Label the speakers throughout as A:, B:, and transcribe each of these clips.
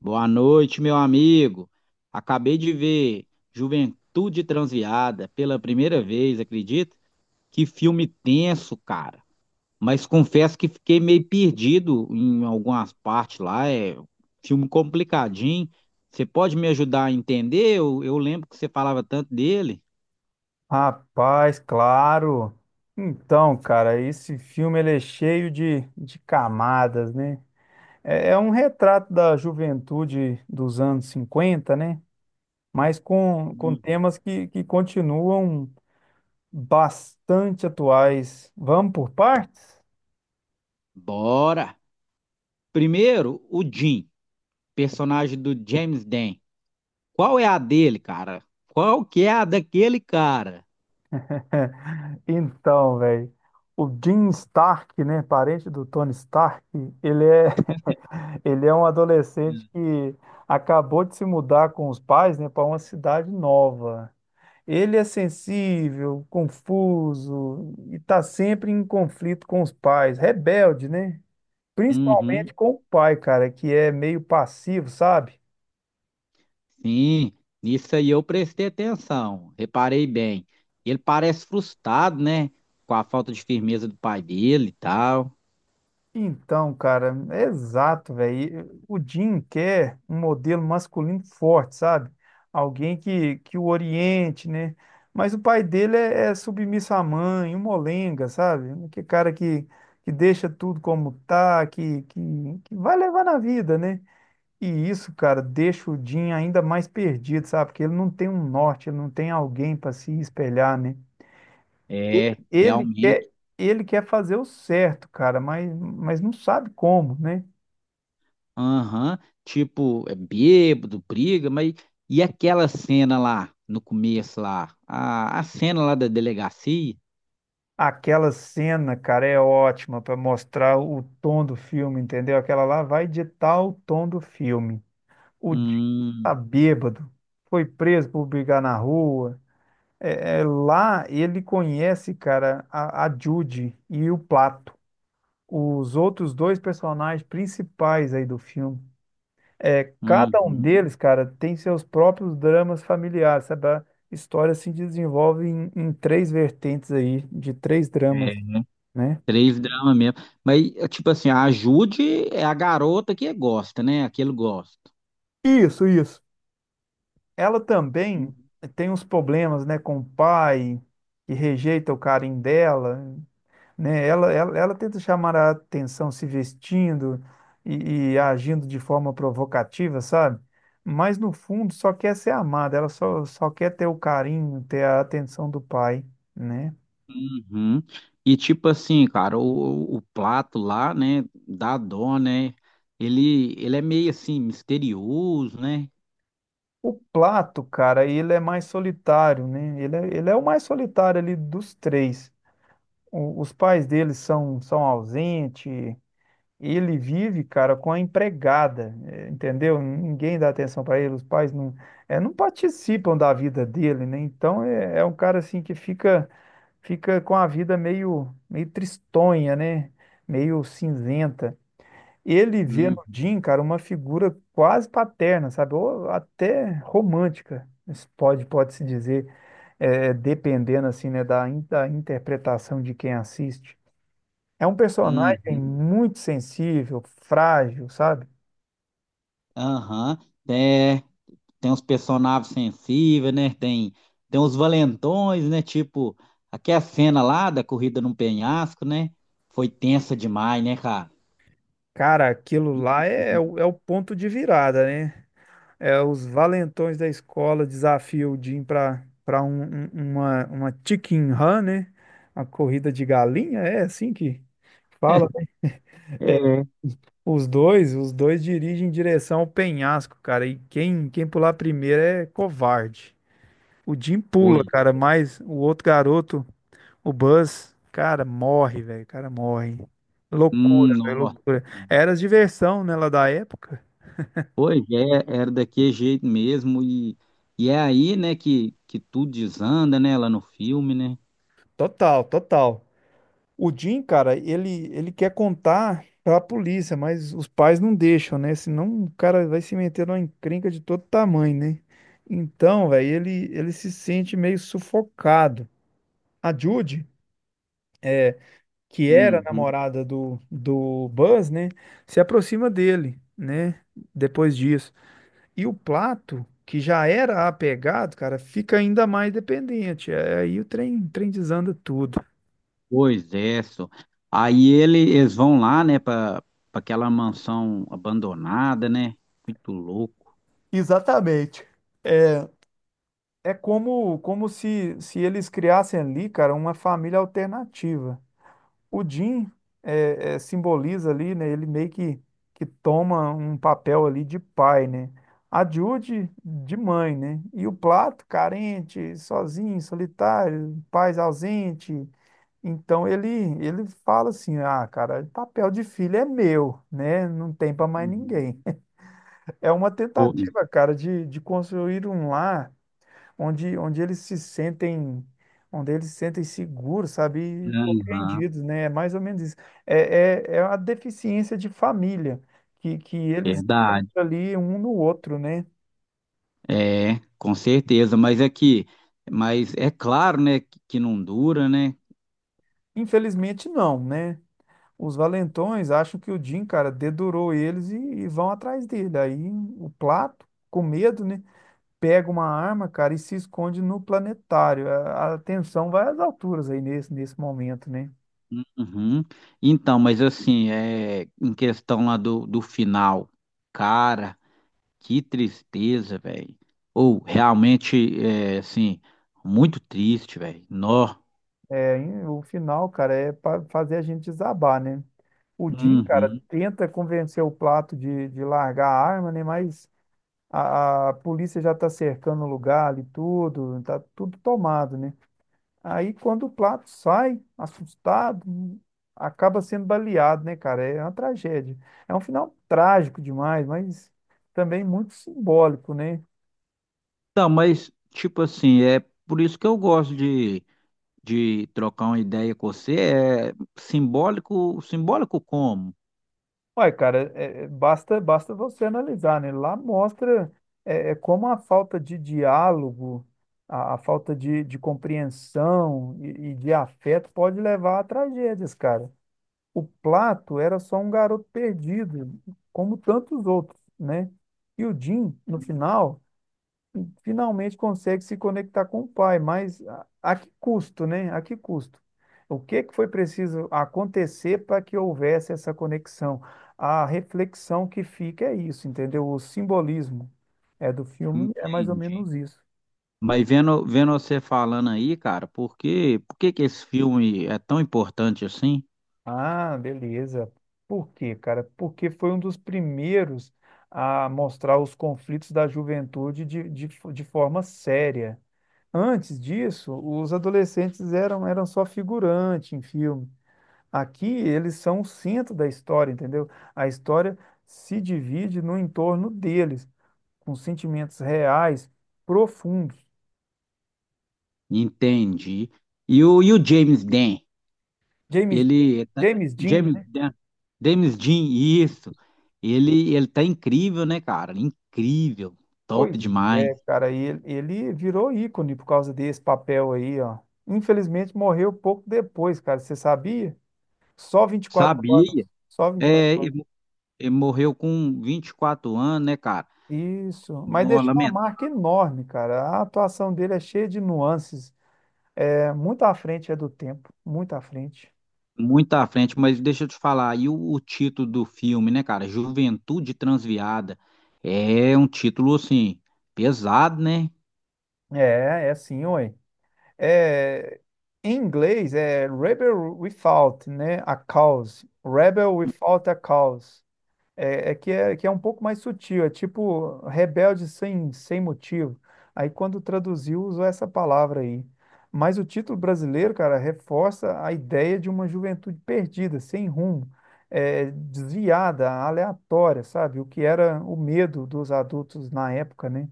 A: Boa noite, meu amigo. Acabei de ver Juventude Transviada pela primeira vez, acredita? Que filme tenso, cara. Mas confesso que fiquei meio perdido em algumas partes lá. É filme complicadinho. Você pode me ajudar a entender? Eu lembro que você falava tanto dele.
B: Rapaz, claro. Então, cara, esse filme ele é cheio de camadas, né? É um retrato da juventude dos anos 50, né? Mas com
A: Uhum.
B: temas que continuam bastante atuais. Vamos por partes?
A: Bora! Primeiro, o Jim, personagem do James Dan. Qual é a dele, cara? Qual que é a daquele cara?
B: Então, velho, o Jim Stark, né, parente do Tony Stark, ele é, ele é um adolescente que acabou de se mudar com os pais, né, para uma cidade nova. Ele é sensível, confuso e está sempre em conflito com os pais, rebelde, né?
A: Uhum.
B: Principalmente com o pai, cara, que é meio passivo, sabe?
A: Sim, nisso aí eu prestei atenção, reparei bem. Ele parece frustrado, né? Com a falta de firmeza do pai dele e tal.
B: Então, cara, é exato, velho. O Jim quer um modelo masculino forte, sabe? Alguém que o oriente, né? Mas o pai dele é, é submisso à mãe, um molenga, sabe? Que cara que deixa tudo como tá, que vai levar na vida, né? E isso, cara, deixa o Jim ainda mais perdido, sabe? Porque ele não tem um norte, ele não tem alguém para se espelhar, né? Ele,
A: É,
B: ele
A: realmente.
B: quer, ele quer fazer o certo, cara, mas não sabe como, né?
A: Aham. Tipo, é bêbado, briga, mas. E aquela cena lá, no começo lá? A cena lá da delegacia?
B: Aquela cena, cara, é ótima para mostrar o tom do filme, entendeu? Aquela lá vai ditar o tom do filme. O Jim tá
A: Hum,
B: bêbado, foi preso por brigar na rua. Lá ele conhece, cara, a Judy e o Plato. Os outros dois personagens principais aí do filme. Cada um
A: uhum.
B: deles, cara, tem seus próprios dramas familiares, sabe? A história se desenvolve em três vertentes aí, de três dramas,
A: É,
B: né?
A: três dramas mesmo. Mas, é tipo assim, a Jude é a garota que gosta, né? Aquele gosta.
B: Isso, isso. Ela também
A: Uhum.
B: tem uns problemas, né, com o pai, que rejeita o carinho dela. Né? Ela tenta chamar a atenção se vestindo e agindo de forma provocativa, sabe? Mas no fundo só quer ser amada, só quer ter o carinho, ter a atenção do pai, né?
A: Uhum. E tipo assim, cara, o Plato lá, né, da dó, né, ele é meio assim, misterioso, né?
B: O Plato, cara, ele é mais solitário, né? Ele é o mais solitário ali dos três. O- os pais dele são ausentes, ele vive, cara, com a empregada, entendeu? Ninguém dá atenção para ele, os pais não, não participam da vida dele, né? Então é, é um cara assim que fica com a vida meio tristonha, né? Meio cinzenta. Ele vê no
A: Uhum.
B: Jim, cara, uma figura quase paterna, sabe? Ou até romântica, se pode se dizer, dependendo assim, né, da, da interpretação de quem assiste. É um personagem
A: Uhum.
B: muito sensível, frágil, sabe?
A: Aham. É, tem uns personagens sensíveis, né, tem, tem uns valentões, né, tipo, aquela cena lá da corrida num penhasco, né, foi tensa demais, né, cara?
B: Cara, aquilo
A: Muito
B: lá
A: tensa.
B: é o ponto de virada, né? É, os valentões da escola desafiam o Jim pra uma chicken run, né? Uma corrida de galinha, é assim que fala. Né? É,
A: É.
B: Os dois dirigem em direção ao penhasco, cara. E quem pular primeiro é covarde. O Jim pula,
A: Foi.
B: cara, mas o outro garoto. O Buzz, cara, morre, velho. O cara morre. Loucura, velho,
A: Nossa.
B: loucura. Era diversão, né, lá da época.
A: Pois é, era daquele jeito mesmo, e é aí, né, que tudo desanda, né, lá no filme, né?
B: Total, total. O Jim, cara, ele quer contar pra polícia, mas os pais não deixam, né? Senão o cara vai se meter numa encrenca de todo tamanho, né? Então, velho, ele se sente meio sufocado. A Judy, que era a
A: Uhum.
B: namorada do Buzz, né, se aproxima dele, né, depois disso. E o Plato, que já era apegado, cara, fica ainda mais dependente. É, aí o trem desanda tudo.
A: Pois é, só. Aí ele, eles vão lá, né, para aquela mansão abandonada, né? Muito louco.
B: Exatamente. É como, como se eles criassem ali, cara, uma família alternativa. O Jim simboliza ali, né? Ele meio que toma um papel ali de pai, né? A Judy de mãe, né? E o Plato, carente, sozinho, solitário, pais ausente. Então ele fala assim: "Ah, cara, papel de filho é meu, né? Não tem para mais
A: Uhum.
B: ninguém". É uma
A: Pois,
B: tentativa, cara, de construir um lar onde eles se sentem onde eles se sentem seguros, sabe?
A: é,
B: E
A: aham,
B: compreendidos, né? É mais ou menos isso. É a deficiência de família que eles
A: verdade.
B: encontram ali um no outro, né?
A: É, com certeza, mas é que, mas é claro, né, que não dura, né?
B: Infelizmente não, né? Os valentões acham que o Jim, cara, dedurou eles e vão atrás dele. Aí o Plato, com medo, né, pega uma arma, cara, e se esconde no planetário. A tensão vai às alturas aí nesse momento, né?
A: Uhum. Então, mas assim, é, em questão lá do final, cara. Que tristeza, velho. Ou realmente, é, assim, muito triste, velho. Nó.
B: É, e o final, cara, é para fazer a gente desabar, né? O Jim, cara,
A: Uhum.
B: tenta convencer o Plato de largar a arma, né? Mas a polícia já tá cercando o lugar ali, tudo, tá tudo tomado, né? Aí quando o Plato sai, assustado, acaba sendo baleado, né, cara? É uma tragédia. É um final trágico demais, mas também muito simbólico, né?
A: Não, mas, tipo assim, é por isso que eu gosto de trocar uma ideia com você. É simbólico, simbólico como?
B: Olha, cara, basta você analisar, né? Lá mostra como a falta de diálogo, a falta de compreensão e de afeto pode levar a tragédias, cara. O Plato era só um garoto perdido, como tantos outros, né? E o Jim, no finalmente consegue se conectar com o pai, mas a que custo, né? A que custo? O que que foi preciso acontecer para que houvesse essa conexão? A reflexão que fica é isso, entendeu? O simbolismo do filme é mais ou
A: Entendi.
B: menos isso.
A: Mas vendo você falando aí, cara, por que que esse filme é tão importante assim?
B: Ah, beleza. Por quê, cara? Porque foi um dos primeiros a mostrar os conflitos da juventude de forma séria. Antes disso, os adolescentes eram só figurante em filme. Aqui eles são o centro da história, entendeu? A história se divide no entorno deles, com sentimentos reais, profundos.
A: Entendi. E o James Dean?
B: James,
A: Ele tá-
B: James Dean,
A: James
B: né?
A: Dan, James Dean, isso. Ele tá incrível, né, cara? Incrível, top
B: Pois
A: demais.
B: é, cara, ele virou ícone por causa desse papel aí, ó. Infelizmente morreu pouco depois, cara, você sabia? Só 24
A: Sabia?
B: anos, só 24
A: É,
B: anos.
A: ele morreu com 24 anos, né, cara?
B: Isso, mas
A: Não,
B: deixou uma
A: lamento,
B: marca enorme, cara. A atuação dele é cheia de nuances, é muito à frente do tempo, muito à frente.
A: muito à frente, mas deixa eu te falar, e o título do filme, né, cara? Juventude Transviada. É um título assim pesado, né?
B: É, é assim, oi. É, em inglês é rebel without, né, a cause. Rebel without a cause. É que é um pouco mais sutil, é tipo rebelde sem motivo. Aí quando traduziu usou essa palavra aí. Mas o título brasileiro, cara, reforça a ideia de uma juventude perdida, sem rumo, é, desviada, aleatória, sabe? O que era o medo dos adultos na época, né?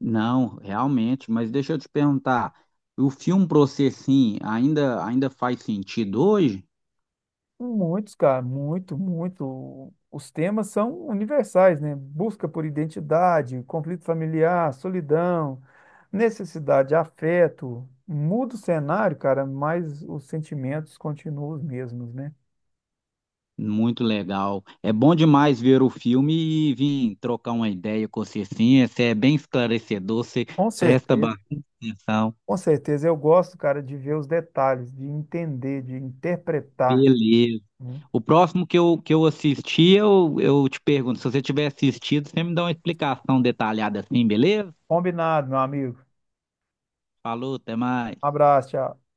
A: Não, realmente, mas deixa eu te perguntar, o filme pra você assim, ainda ainda faz sentido hoje?
B: Muitos, cara, muito, muito. Os temas são universais, né? Busca por identidade, conflito familiar, solidão, necessidade, afeto. Muda o cenário, cara, mas os sentimentos continuam os mesmos, né?
A: Muito legal. É bom demais ver o filme e vir trocar uma ideia com você, sim. Você é bem esclarecedor, você
B: Com
A: presta
B: certeza.
A: bastante atenção.
B: Com certeza. Eu gosto, cara, de ver os detalhes, de entender, de interpretar.
A: Beleza.
B: Né?
A: O próximo que eu assisti, eu te pergunto, se você tiver assistido, você me dá uma explicação detalhada assim, beleza?
B: Combinado, meu amigo.
A: Falou, até mais.
B: Abraço, tchau.